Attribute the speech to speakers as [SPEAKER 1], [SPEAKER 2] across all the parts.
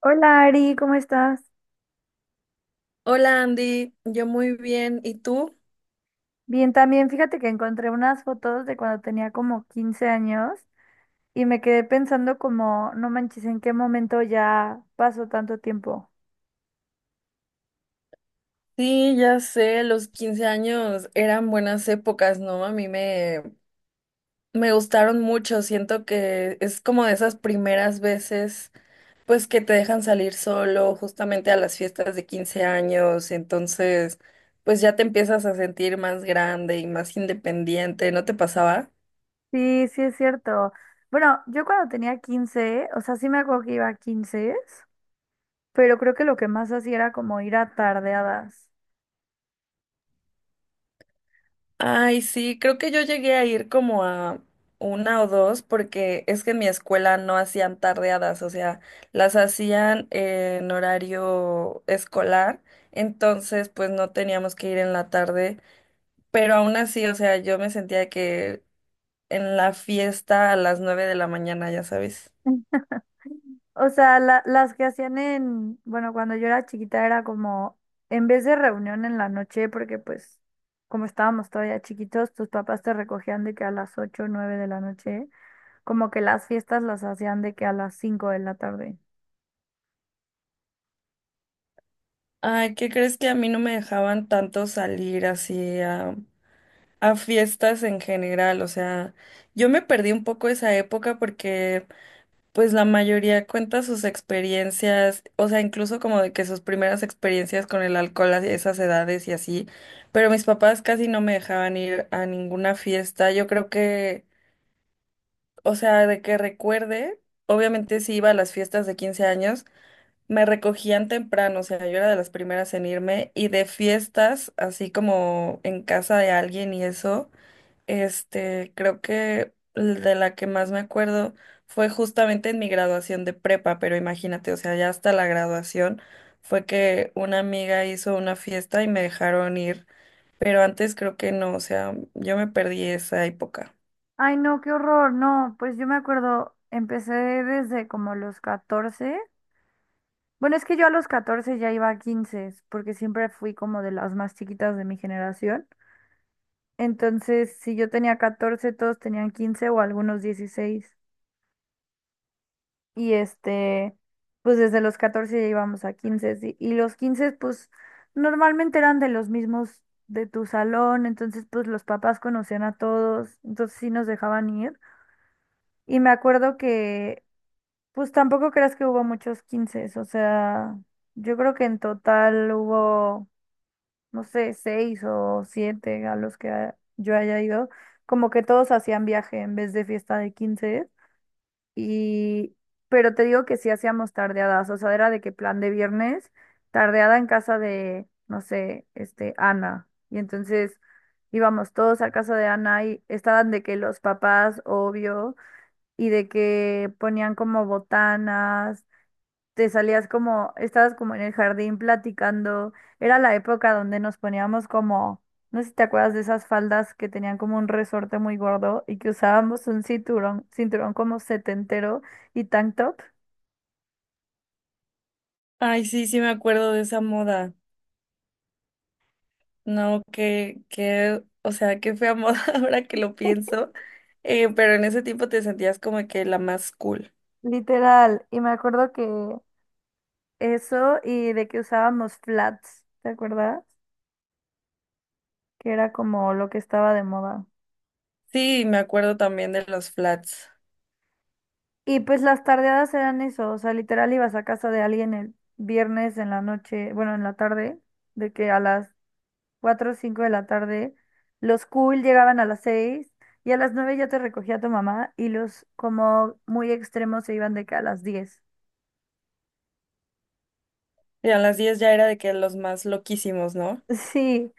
[SPEAKER 1] Hola Ari, ¿cómo estás?
[SPEAKER 2] Hola Andy, yo muy bien. ¿Y tú?
[SPEAKER 1] Bien, también fíjate que encontré unas fotos de cuando tenía como 15 años y me quedé pensando como, no manches, ¿en qué momento ya pasó tanto tiempo?
[SPEAKER 2] Sí, ya sé, los 15 años eran buenas épocas, ¿no? A mí me gustaron mucho. Siento que es como de esas primeras veces, pues que te dejan salir solo justamente a las fiestas de 15 años. Entonces, pues ya te empiezas a sentir más grande y más independiente. ¿No te pasaba?
[SPEAKER 1] Sí, sí es cierto. Bueno, yo cuando tenía 15, o sea, sí me acuerdo que iba a 15, pero creo que lo que más hacía era como ir a tardeadas.
[SPEAKER 2] Ay, sí, creo que yo llegué a ir como a una o dos porque es que en mi escuela no hacían tardeadas, o sea, las hacían en horario escolar, entonces pues no teníamos que ir en la tarde, pero aún así, o sea, yo me sentía que en la fiesta a las nueve de la mañana, ya sabes.
[SPEAKER 1] O sea, las que hacían en, bueno, cuando yo era chiquita era como, en vez de reunión en la noche, porque pues como estábamos todavía chiquitos, tus papás te recogían de que a las 8 o 9 de la noche, como que las fiestas las hacían de que a las 5 de la tarde.
[SPEAKER 2] Ay, ¿qué crees que a mí no me dejaban tanto salir así a fiestas en general? O sea, yo me perdí un poco esa época porque pues la mayoría cuenta sus experiencias, o sea, incluso como de que sus primeras experiencias con el alcohol a esas edades y así, pero mis papás casi no me dejaban ir a ninguna fiesta. Yo creo que, o sea, de que recuerde, obviamente sí iba a las fiestas de 15 años, me recogían temprano, o sea, yo era de las primeras en irme y de fiestas, así como en casa de alguien y eso. Este, creo que de la que más me acuerdo fue justamente en mi graduación de prepa, pero imagínate, o sea, ya hasta la graduación fue que una amiga hizo una fiesta y me dejaron ir, pero antes creo que no, o sea, yo me perdí esa época.
[SPEAKER 1] Ay, no, qué horror, no, pues yo me acuerdo, empecé desde como los 14. Bueno, es que yo a los 14 ya iba a 15, porque siempre fui como de las más chiquitas de mi generación. Entonces, si yo tenía 14 todos tenían 15 o algunos 16. Y este, pues desde los 14 ya íbamos a 15, sí. Y los 15 pues normalmente eran de los mismos de tu salón. Entonces, pues los papás conocían a todos. Entonces, sí nos dejaban ir. Y me acuerdo que, pues tampoco creas que hubo muchos 15. O sea, yo creo que en total hubo, no sé, seis o siete a los que yo haya ido, como que todos hacían viaje en vez de fiesta de 15. Y, pero te digo que sí hacíamos tardeadas, o sea, era de que plan de viernes, tardeada en casa de, no sé, Ana. Y entonces íbamos todos a casa de Ana y estaban de que los papás, obvio, y de que ponían como botanas, te salías como, estabas como en el jardín platicando. Era la época donde nos poníamos como, no sé si te acuerdas de esas faldas que tenían como un resorte muy gordo y que usábamos un cinturón, cinturón como setentero y tank top.
[SPEAKER 2] Ay, sí, sí me acuerdo de esa moda. No, que, o sea, qué fea moda ahora que lo pienso. Pero en ese tiempo te sentías como que la más cool.
[SPEAKER 1] Literal. Y me acuerdo que eso y de que usábamos flats, ¿te acuerdas? Que era como lo que estaba de moda.
[SPEAKER 2] Sí, me acuerdo también de los flats.
[SPEAKER 1] Y pues las tardeadas eran eso, o sea, literal ibas a casa de alguien el viernes en la noche, bueno, en la tarde, de que a las 4 o 5 de la tarde. Los cool llegaban a las 6 y a las 9 ya te recogía tu mamá y los como muy extremos se iban de que a las 10.
[SPEAKER 2] Y a las 10 ya era de que los más loquísimos, ¿no?
[SPEAKER 1] Sí,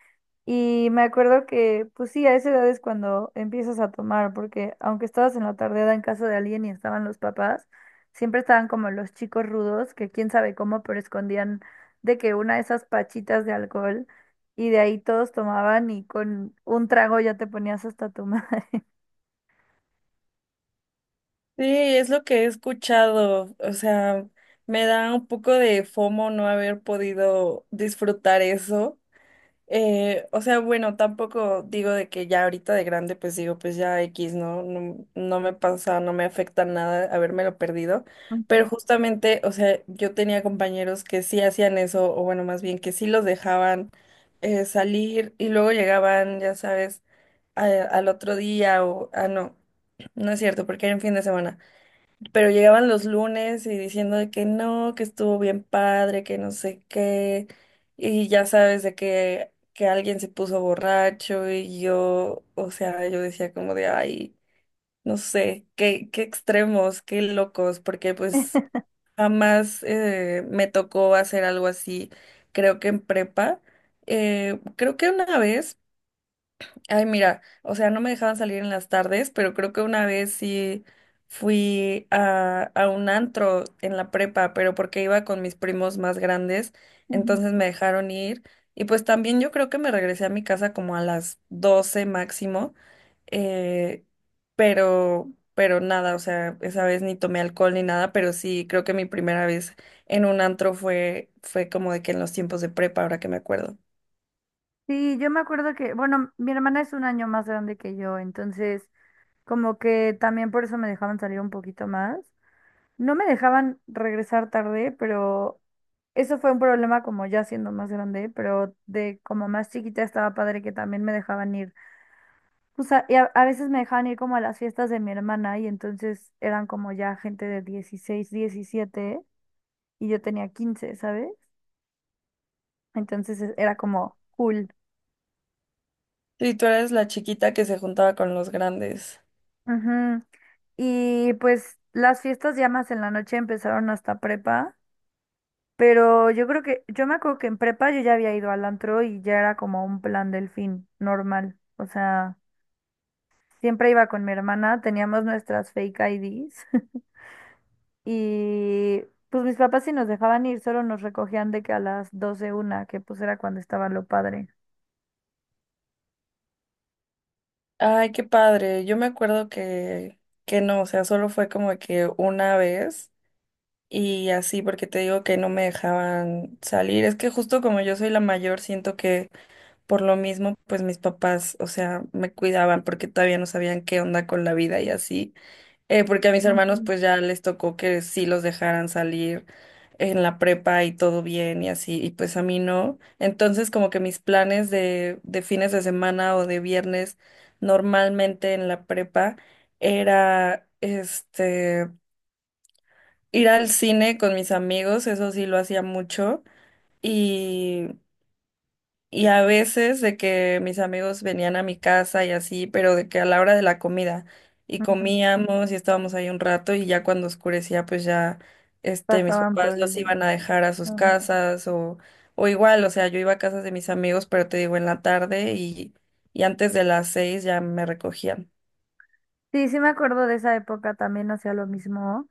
[SPEAKER 1] y me acuerdo que, pues sí, a esa edad es cuando empiezas a tomar, porque aunque estabas en la tardeada en casa de alguien y estaban los papás, siempre estaban como los chicos rudos, que quién sabe cómo, pero escondían de que una de esas pachitas de alcohol y de ahí todos tomaban y con un trago ya te ponías hasta tu madre.
[SPEAKER 2] Sí, es lo que he escuchado. O sea, me da un poco de FOMO no haber podido disfrutar eso. O sea, bueno, tampoco digo de que ya ahorita de grande, pues digo, pues ya X, ¿no? No, no me pasa, no me afecta nada habérmelo perdido. Pero justamente, o sea, yo tenía compañeros que sí hacían eso, o bueno, más bien que sí los dejaban salir y luego llegaban, ya sabes al otro día o, ah, no, no es cierto, porque era en fin de semana, pero llegaban los lunes y diciendo de que no, que estuvo bien padre, que no sé qué, y ya sabes de que alguien se puso borracho y yo, o sea, yo decía como de, ay, no sé, qué, qué extremos, qué locos, porque pues jamás me tocó hacer algo así, creo que en prepa, creo que una vez. Ay, mira, o sea, no me dejaban salir en las tardes, pero creo que una vez sí fui a un antro en la prepa, pero porque iba con mis primos más grandes,
[SPEAKER 1] Ujú.
[SPEAKER 2] entonces me dejaron ir. Y pues también yo creo que me regresé a mi casa como a las 12 máximo, eh, pero nada, o sea, esa vez ni tomé alcohol ni nada, pero sí, creo que mi primera vez en un antro fue como de que en los tiempos de prepa, ahora que me acuerdo.
[SPEAKER 1] Sí, yo me acuerdo que, bueno, mi hermana es un año más grande que yo, entonces como que también por eso me dejaban salir un poquito más. No me dejaban regresar tarde, pero eso fue un problema como ya siendo más grande, pero de como más chiquita estaba padre que también me dejaban ir. O sea, y a veces me dejaban ir como a las fiestas de mi hermana y entonces eran como ya gente de 16, 17 y yo tenía 15, ¿sabes? Entonces era como cool.
[SPEAKER 2] Sí, tú eres la chiquita que se juntaba con los grandes.
[SPEAKER 1] Ujú. Y pues las fiestas ya más en la noche empezaron hasta prepa, pero yo me acuerdo que en prepa yo ya había ido al antro y ya era como un plan del fin normal. O sea, siempre iba con mi hermana, teníamos nuestras fake IDs y pues mis papás sí nos dejaban ir, solo nos recogían de que a las 12 1, que pues era cuando estaba lo padre.
[SPEAKER 2] Ay, qué padre. Yo me acuerdo que no, o sea, solo fue como que una vez y así, porque te digo que no me dejaban salir. Es que justo como yo soy la mayor, siento que por lo mismo, pues mis papás, o sea, me cuidaban porque todavía no sabían qué onda con la vida y así. Porque a mis hermanos
[SPEAKER 1] Ujú.
[SPEAKER 2] pues ya les tocó que sí los dejaran salir en la prepa y todo bien y así, y pues a mí no. Entonces como que mis planes de fines de semana o de viernes normalmente en la prepa era este ir al cine con mis amigos, eso sí lo hacía mucho. Y a veces de que mis amigos venían a mi casa y así, pero de que a la hora de la comida y
[SPEAKER 1] Ujú,
[SPEAKER 2] comíamos y estábamos ahí un rato y ya cuando oscurecía pues ya este mis
[SPEAKER 1] pasaban
[SPEAKER 2] papás
[SPEAKER 1] por
[SPEAKER 2] los
[SPEAKER 1] ello.
[SPEAKER 2] iban a dejar a sus
[SPEAKER 1] Ajá.
[SPEAKER 2] casas o igual, o sea, yo iba a casas de mis amigos, pero te digo en la tarde y antes de las seis ya me recogían.
[SPEAKER 1] Sí, sí me acuerdo de esa época, también hacía lo mismo.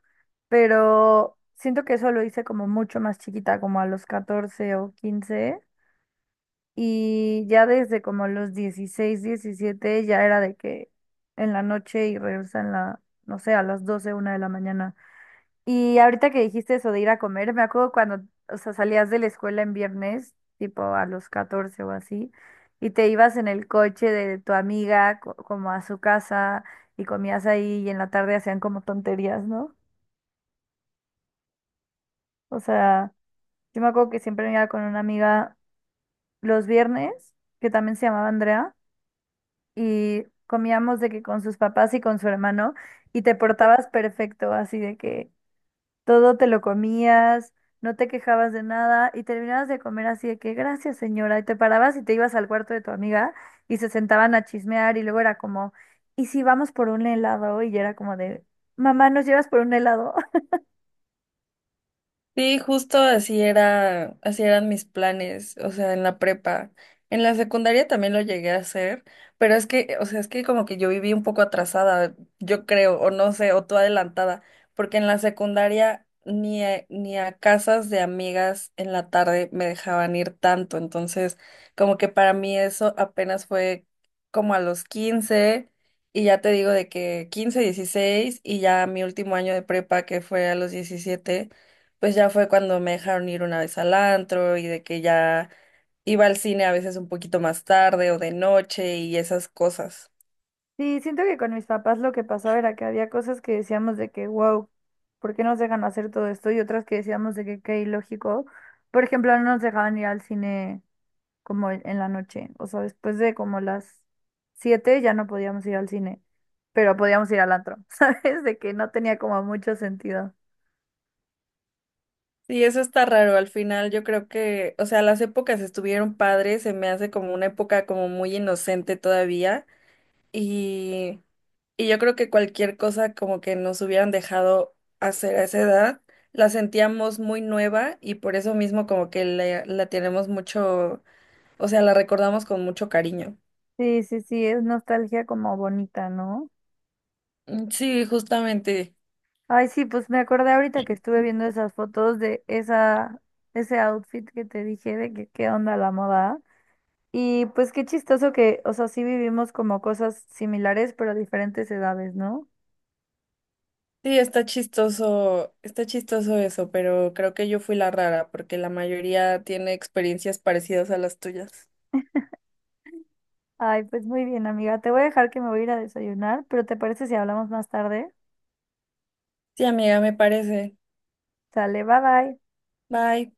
[SPEAKER 1] Pero siento que eso lo hice como mucho más chiquita, como a los 14 o 15 y ya desde como los 16 17 ya era de que en la noche y regresa en la, no sé, a las doce una de la mañana. Y ahorita que dijiste eso de ir a comer, me acuerdo cuando, o sea, salías de la escuela en viernes, tipo a los 14 o así, y te ibas en el coche de tu amiga como a su casa y comías ahí y en la tarde hacían como tonterías, ¿no? O sea... Yo me acuerdo que siempre iba con una amiga los viernes, que también se llamaba Andrea, y comíamos de que con sus papás y con su hermano, y te portabas perfecto, así de que todo te lo comías, no te quejabas de nada, y terminabas de comer así de que gracias, señora, y te parabas y te ibas al cuarto de tu amiga y se sentaban a chismear, y luego era como, ¿y si vamos por un helado? Y yo era como de, mamá, ¿nos llevas por un helado?
[SPEAKER 2] Sí, justo así era, así eran mis planes, o sea, en la prepa. En la secundaria también lo llegué a hacer, pero es que, o sea, es que como que yo viví un poco atrasada, yo creo, o no sé, o tú adelantada, porque en la secundaria ni a casas de amigas en la tarde me dejaban ir tanto, entonces como que para mí eso apenas fue como a los 15 y ya te digo de que 15 16 y ya mi último año de prepa que fue a los 17 pues ya fue cuando me dejaron ir una vez al antro y de que ya iba al cine a veces un poquito más tarde o de noche y esas cosas.
[SPEAKER 1] Sí, siento que con mis papás lo que pasaba era que había cosas que decíamos de que, wow, ¿por qué nos dejan hacer todo esto? Y otras que decíamos de que qué ilógico. Por ejemplo, no nos dejaban ir al cine como en la noche. O sea, después de como las 7 ya no podíamos ir al cine, pero podíamos ir al antro, ¿sabes? De que no tenía como mucho sentido.
[SPEAKER 2] Sí, eso está raro. Al final yo creo que, o sea, las épocas estuvieron padres, se me hace como una época como muy inocente todavía y, y yo creo que cualquier cosa como que nos hubieran dejado hacer a esa edad, la sentíamos muy nueva y por eso mismo como que la tenemos mucho, o sea, la recordamos con mucho cariño.
[SPEAKER 1] Sí, sí, sí, es nostalgia como bonita, ¿no?
[SPEAKER 2] Mm, sí, justamente.
[SPEAKER 1] Ay, sí, pues me acordé ahorita que estuve viendo esas fotos de ese outfit que te dije de que qué onda la moda. Y pues qué chistoso que, o sea, sí vivimos como cosas similares, pero a diferentes edades, ¿no?
[SPEAKER 2] Sí, está chistoso eso, pero creo que yo fui la rara porque la mayoría tiene experiencias parecidas a las tuyas.
[SPEAKER 1] Ay, pues muy bien, amiga. Te voy a dejar que me voy a ir a desayunar, pero ¿te parece si hablamos más tarde?
[SPEAKER 2] Sí, amiga, me parece.
[SPEAKER 1] Sale, bye bye.
[SPEAKER 2] Bye.